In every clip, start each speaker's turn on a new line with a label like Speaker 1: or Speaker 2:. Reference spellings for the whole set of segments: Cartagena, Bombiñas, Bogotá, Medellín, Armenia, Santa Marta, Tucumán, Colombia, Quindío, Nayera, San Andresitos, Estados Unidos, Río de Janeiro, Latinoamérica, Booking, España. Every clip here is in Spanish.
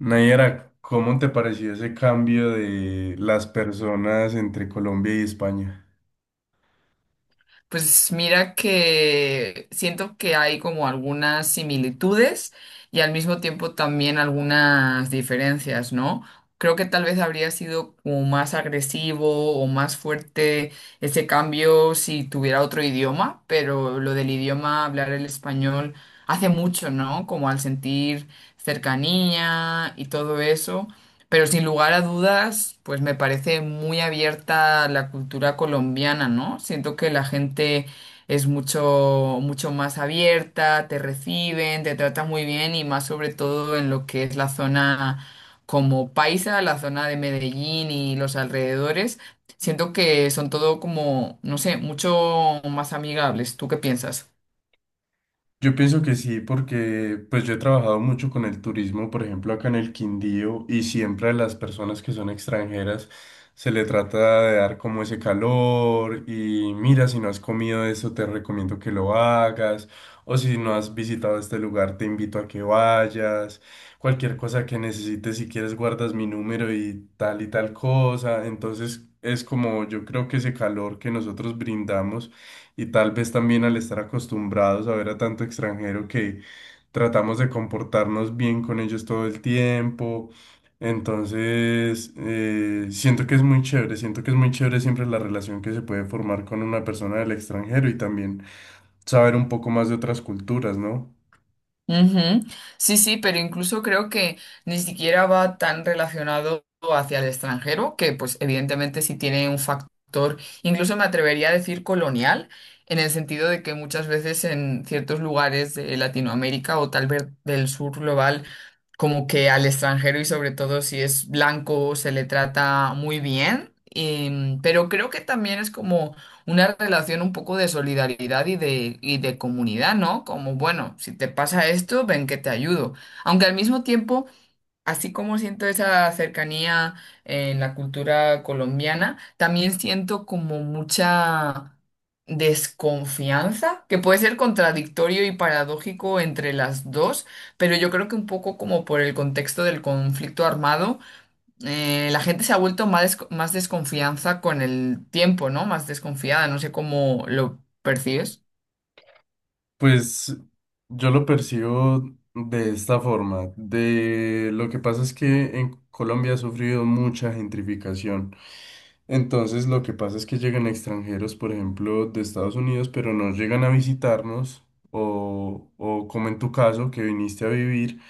Speaker 1: Nayera, ¿cómo te pareció ese cambio de las personas entre Colombia y España?
Speaker 2: Pues mira que siento que hay como algunas similitudes y al mismo tiempo también algunas diferencias, ¿no? Creo que tal vez habría sido como más agresivo o más fuerte ese cambio si tuviera otro idioma, pero lo del idioma, hablar el español, hace mucho, ¿no? Como al sentir cercanía y todo eso. Pero sin lugar a dudas, pues me parece muy abierta la cultura colombiana, ¿no? Siento que la gente es mucho, mucho más abierta, te reciben, te tratan muy bien y más sobre todo en lo que es la zona como paisa, la zona de Medellín y los alrededores. Siento que son todo como, no sé, mucho más amigables. ¿Tú qué piensas?
Speaker 1: Yo pienso que sí, porque pues yo he trabajado mucho con el turismo, por ejemplo, acá en el Quindío, y siempre a las personas que son extranjeras se le trata de dar como ese calor, y mira, si no has comido eso, te recomiendo que lo hagas, o si no has visitado este lugar, te invito a que vayas, cualquier cosa que necesites, si quieres, guardas mi número y tal cosa, entonces es como yo creo que ese calor que nosotros brindamos y tal vez también al estar acostumbrados a ver a tanto extranjero que tratamos de comportarnos bien con ellos todo el tiempo. Entonces, siento que es muy chévere, siento que es muy chévere siempre la relación que se puede formar con una persona del extranjero y también saber un poco más de otras culturas, ¿no?
Speaker 2: Ujú. Sí, sí, pero incluso creo que ni siquiera va tan relacionado hacia el extranjero, que pues evidentemente sí tiene un factor, incluso me atrevería a decir colonial, en el sentido de que muchas veces en ciertos lugares de Latinoamérica o tal vez del sur global, como que al extranjero y sobre todo si es blanco se le trata muy bien, pero creo que también es como una relación un poco de solidaridad y de comunidad, ¿no? Como, bueno, si te pasa esto, ven que te ayudo. Aunque al mismo tiempo, así como siento esa cercanía en la cultura colombiana, también siento como mucha desconfianza, que puede ser contradictorio y paradójico entre las dos, pero yo creo que un poco como por el contexto del conflicto armado la gente se ha vuelto más, más desconfianza con el tiempo, ¿no? Más desconfiada, no sé cómo lo percibes.
Speaker 1: Pues yo lo percibo de esta forma. De lo que pasa es que en Colombia ha sufrido mucha gentrificación. Entonces lo que pasa es que llegan extranjeros, por ejemplo, de Estados Unidos, pero no llegan a visitarnos o como en tu caso, que viniste a vivir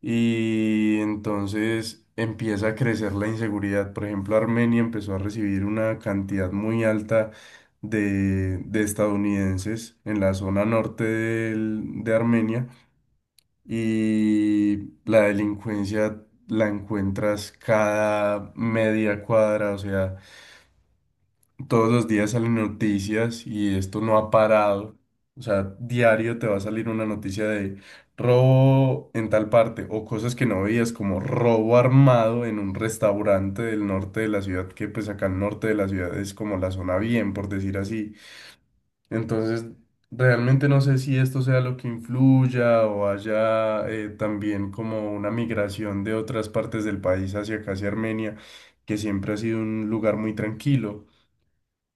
Speaker 1: y entonces empieza a crecer la inseguridad. Por ejemplo, Armenia empezó a recibir una cantidad muy alta de estadounidenses en la zona norte de Armenia y la delincuencia la encuentras cada media cuadra, o sea. Todos los días salen noticias y esto no ha parado. O sea, diario te va a salir una noticia de robo en tal parte o cosas que no veías como robo armado en un restaurante del norte de la ciudad, que pues acá al norte de la ciudad es como la zona bien, por decir así. Entonces, realmente no sé si esto sea lo que influya o haya también como una migración de otras partes del país hacia acá, hacia Armenia, que siempre ha sido un lugar muy tranquilo.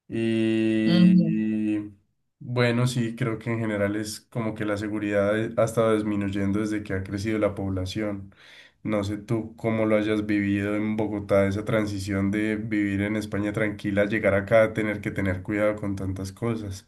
Speaker 1: Y bueno, sí, creo que en general es como que la seguridad ha estado disminuyendo desde que ha crecido la población. No sé tú cómo lo hayas vivido en Bogotá, esa transición de vivir en España tranquila, llegar acá a tener que tener cuidado con tantas cosas.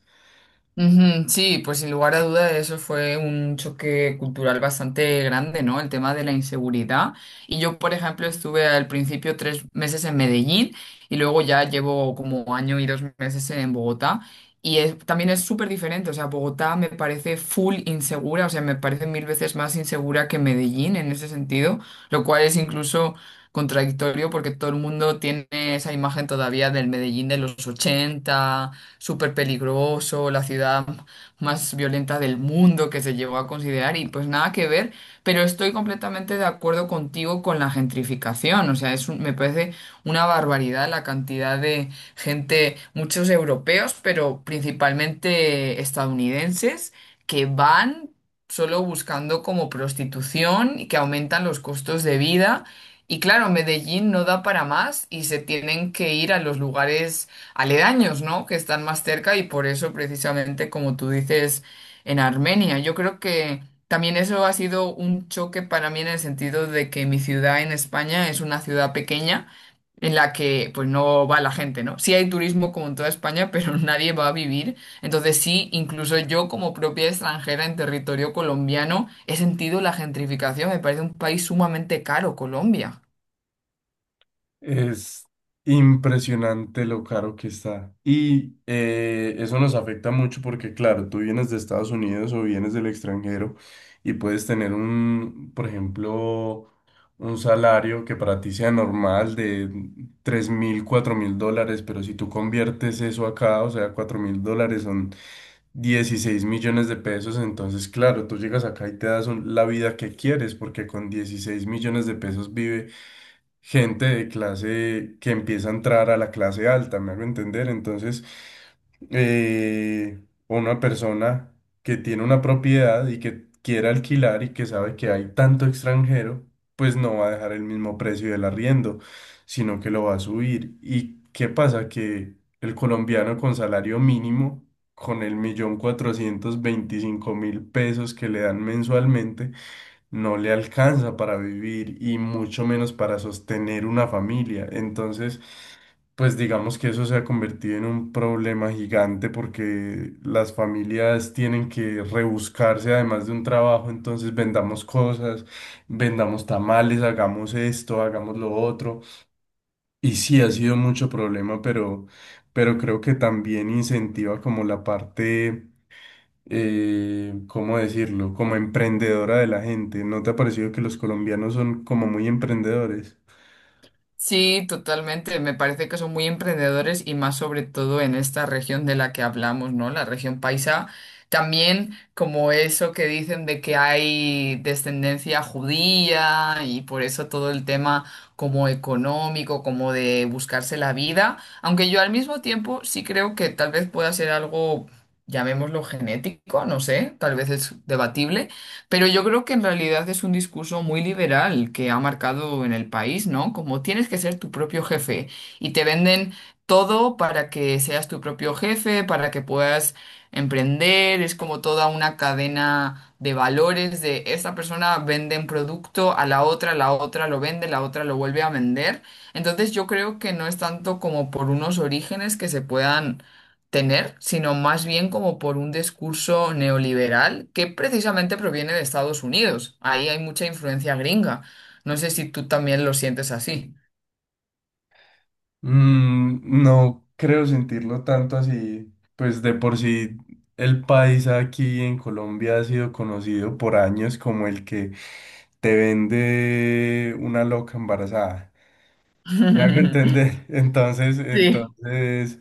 Speaker 2: Ujú. Sí, pues sin lugar a duda eso fue un choque cultural bastante grande, ¿no? El tema de la inseguridad. Y yo, por ejemplo, estuve al principio 3 meses en Medellín y luego ya llevo como año y 2 meses en Bogotá. También es súper diferente, o sea, Bogotá me parece full insegura, o sea, me parece mil veces más insegura que Medellín en ese sentido, lo cual es incluso contradictorio porque todo el mundo tiene esa imagen todavía del Medellín de los 80 súper peligroso, la ciudad más violenta del mundo que se llegó a considerar y pues nada que ver, pero estoy completamente de acuerdo contigo con la gentrificación, o sea, me parece una barbaridad la cantidad de gente, muchos europeos, pero principalmente estadounidenses, que van solo buscando como prostitución y que aumentan los costos de vida. Y claro, Medellín no da para más y se tienen que ir a los lugares aledaños, ¿no? Que están más cerca y por eso precisamente, como tú dices, en Armenia. Yo creo que también eso ha sido un choque para mí en el sentido de que mi ciudad en España es una ciudad pequeña en la que pues no va la gente, ¿no? Sí hay turismo como en toda España, pero nadie va a vivir. Entonces sí, incluso yo como propia extranjera en territorio colombiano he sentido la gentrificación. Me parece un país sumamente caro, Colombia.
Speaker 1: Es impresionante lo caro que está. Y eso nos afecta mucho porque, claro, tú vienes de Estados Unidos o vienes del extranjero y puedes tener un, por ejemplo, un salario que para ti sea normal de 3.000, 4.000 dólares, pero si tú conviertes eso acá, o sea, 4.000 dólares son 16 millones de pesos, entonces, claro, tú llegas acá y te das la vida que quieres porque con 16 millones de pesos vive gente de clase que empieza a entrar a la clase alta, me hago entender. Entonces, eh, una persona que tiene una propiedad y que quiera alquilar y que sabe que hay tanto extranjero, pues no va a dejar el mismo precio del arriendo, sino que lo va a subir. ¿Y qué pasa? Que el colombiano con salario mínimo, con el 1.425.000 pesos que le dan mensualmente, no le alcanza para vivir y mucho menos para sostener una familia. Entonces, pues digamos que eso se ha convertido en un problema gigante porque las familias tienen que rebuscarse además de un trabajo, entonces vendamos cosas, vendamos tamales, hagamos esto, hagamos lo otro. Y sí, ha sido mucho problema, pero creo que también incentiva como la parte ¿cómo decirlo? Como emprendedora de la gente. ¿No te ha parecido que los colombianos son como muy emprendedores?
Speaker 2: Sí, totalmente. Me parece que son muy emprendedores y más sobre todo en esta región de la que hablamos, ¿no? La región paisa. También como eso que dicen de que hay descendencia judía y por eso todo el tema como económico, como de buscarse la vida. Aunque yo al mismo tiempo sí creo que tal vez pueda ser algo, llamémoslo genético, no sé, tal vez es debatible, pero yo creo que en realidad es un discurso muy liberal que ha marcado en el país, ¿no? Como tienes que ser tu propio jefe y te venden todo para que seas tu propio jefe, para que puedas emprender, es como toda una cadena de valores de esta persona vende un producto a la otra lo vende, la otra lo vuelve a vender. Entonces yo creo que no es tanto como por unos orígenes que se puedan tener, sino más bien como por un discurso neoliberal que precisamente proviene de Estados Unidos. Ahí hay mucha influencia gringa. No sé si tú también lo sientes así.
Speaker 1: Mm, no creo sentirlo tanto así. Pues de por sí el país aquí en Colombia ha sido conocido por años como el que te vende una loca embarazada. Me hago entender. Entonces,
Speaker 2: Sí.
Speaker 1: entonces,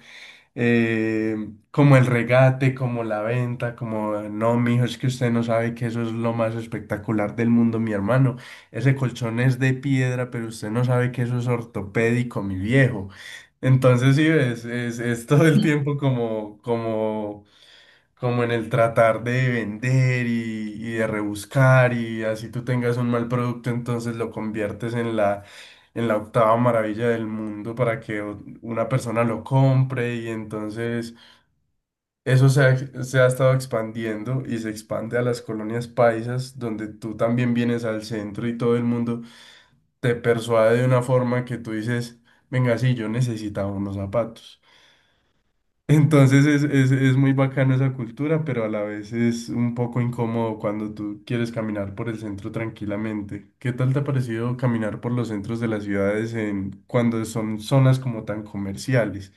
Speaker 1: eh, como el regate, como la venta, como no, mijo, es que usted no sabe que eso es lo más espectacular del mundo, mi hermano. Ese colchón es de piedra, pero usted no sabe que eso es ortopédico, mi viejo. Entonces, sí, es todo el tiempo como en el tratar de vender y de rebuscar y así tú tengas un mal producto, entonces lo conviertes en la octava maravilla del mundo para que una persona lo compre y entonces eso se ha estado expandiendo y se expande a las colonias paisas donde tú también vienes al centro y todo el mundo te persuade de una forma que tú dices, venga, sí, yo necesitaba unos zapatos. Entonces es muy bacano esa cultura, pero a la vez es un poco incómodo cuando tú quieres caminar por el centro tranquilamente. ¿Qué tal te ha parecido caminar por los centros de las ciudades cuando son zonas como tan comerciales?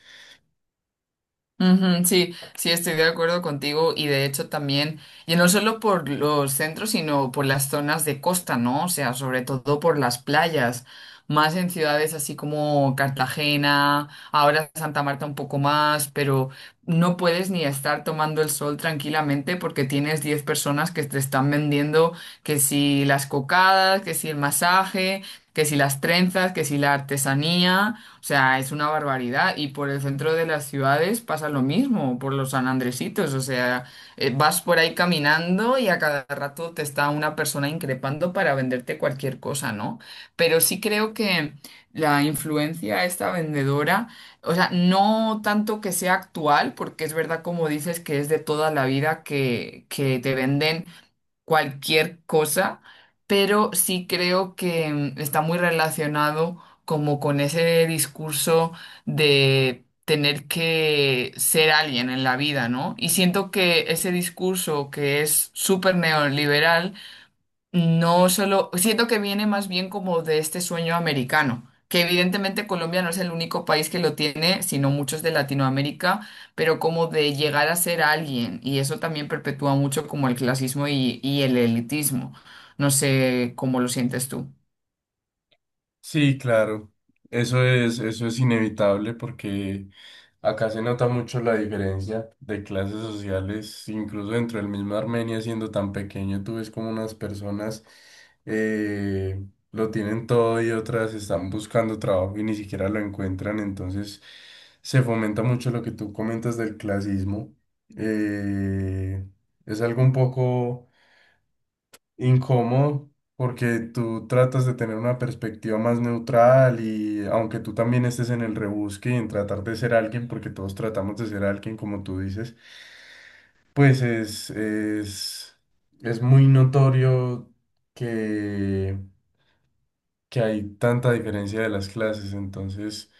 Speaker 2: Ujú, sí, sí, estoy de acuerdo contigo y de hecho también, y no solo por los centros, sino por las zonas de costa, ¿no? O sea, sobre todo por las playas, más en ciudades así como Cartagena, ahora Santa Marta un poco más, pero no puedes ni estar tomando el sol tranquilamente porque tienes 10 personas que te están vendiendo que si las cocadas, que si el masaje, que si las trenzas, que si la artesanía. O sea, es una barbaridad. Y por el centro de las ciudades pasa lo mismo, por los San Andresitos. O sea, vas por ahí caminando y a cada rato te está una persona increpando para venderte cualquier cosa, ¿no? Pero sí creo que la influencia de esta vendedora, o sea, no tanto que sea actual, porque es verdad como dices que es de toda la vida que, te venden cualquier cosa, pero sí creo que está muy relacionado como con ese discurso de tener que ser alguien en la vida, ¿no? Y siento que ese discurso que es súper neoliberal no solo, siento que viene más bien como de este sueño americano, que evidentemente Colombia no es el único país que lo tiene, sino muchos de Latinoamérica, pero como de llegar a ser alguien, y eso también perpetúa mucho como el clasismo y el elitismo. No sé cómo lo sientes tú.
Speaker 1: Sí, claro. Eso es inevitable porque acá se nota mucho la diferencia de clases sociales, incluso dentro del mismo Armenia, siendo tan pequeño, tú ves como unas personas eh, lo tienen todo y otras están buscando trabajo y ni siquiera lo encuentran. Entonces se fomenta mucho lo que tú comentas del clasismo. Eh, es algo un poco incómodo porque tú tratas de tener una perspectiva más neutral y aunque tú también estés en el rebusque y en tratar de ser alguien, porque todos tratamos de ser alguien como tú dices, pues es muy notorio que, que hay tanta diferencia de las clases, entonces,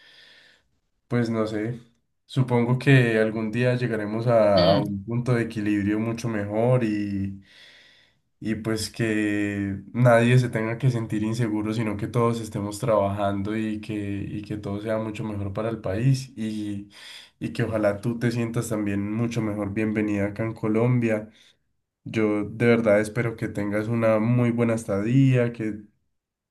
Speaker 1: pues no sé. Supongo que algún día llegaremos a un punto de equilibrio mucho mejor y pues que nadie se tenga que sentir inseguro, sino que todos estemos trabajando y que todo sea mucho mejor para el país y que ojalá tú te sientas también mucho mejor bienvenida acá en Colombia. Yo de verdad espero que tengas una muy buena estadía, que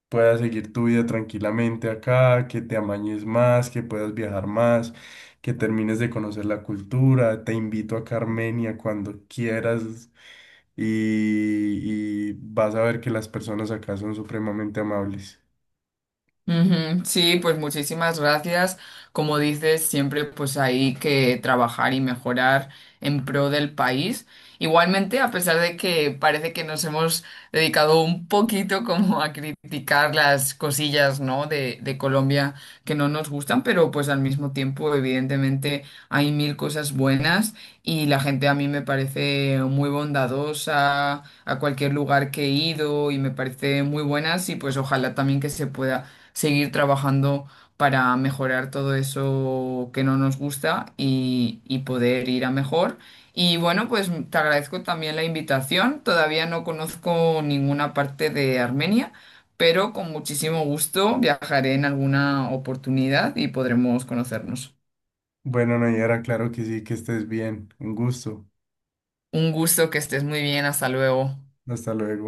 Speaker 1: puedas seguir tu vida tranquilamente acá, que te amañes más, que puedas viajar más, que termines de conocer la cultura. Te invito acá a Armenia cuando quieras y vas a ver que las personas acá son supremamente amables.
Speaker 2: Ujú. Sí, pues muchísimas gracias. Como dices, siempre pues hay que trabajar y mejorar en pro del país. Igualmente, a pesar de que parece que nos hemos dedicado un poquito como a criticar las cosillas, ¿no? de, Colombia que no nos gustan, pero pues al mismo tiempo, evidentemente, hay mil cosas buenas y la gente a mí me parece muy bondadosa a cualquier lugar que he ido y me parece muy buenas y pues ojalá también que se pueda seguir trabajando para mejorar todo eso que no nos gusta y poder ir a mejor. Y bueno, pues te agradezco también la invitación. Todavía no conozco ninguna parte de Armenia, pero con muchísimo gusto viajaré en alguna oportunidad y podremos conocernos.
Speaker 1: Bueno, Nayara, claro que sí, que estés bien. Un gusto.
Speaker 2: Un gusto que estés muy bien. Hasta luego.
Speaker 1: Hasta luego.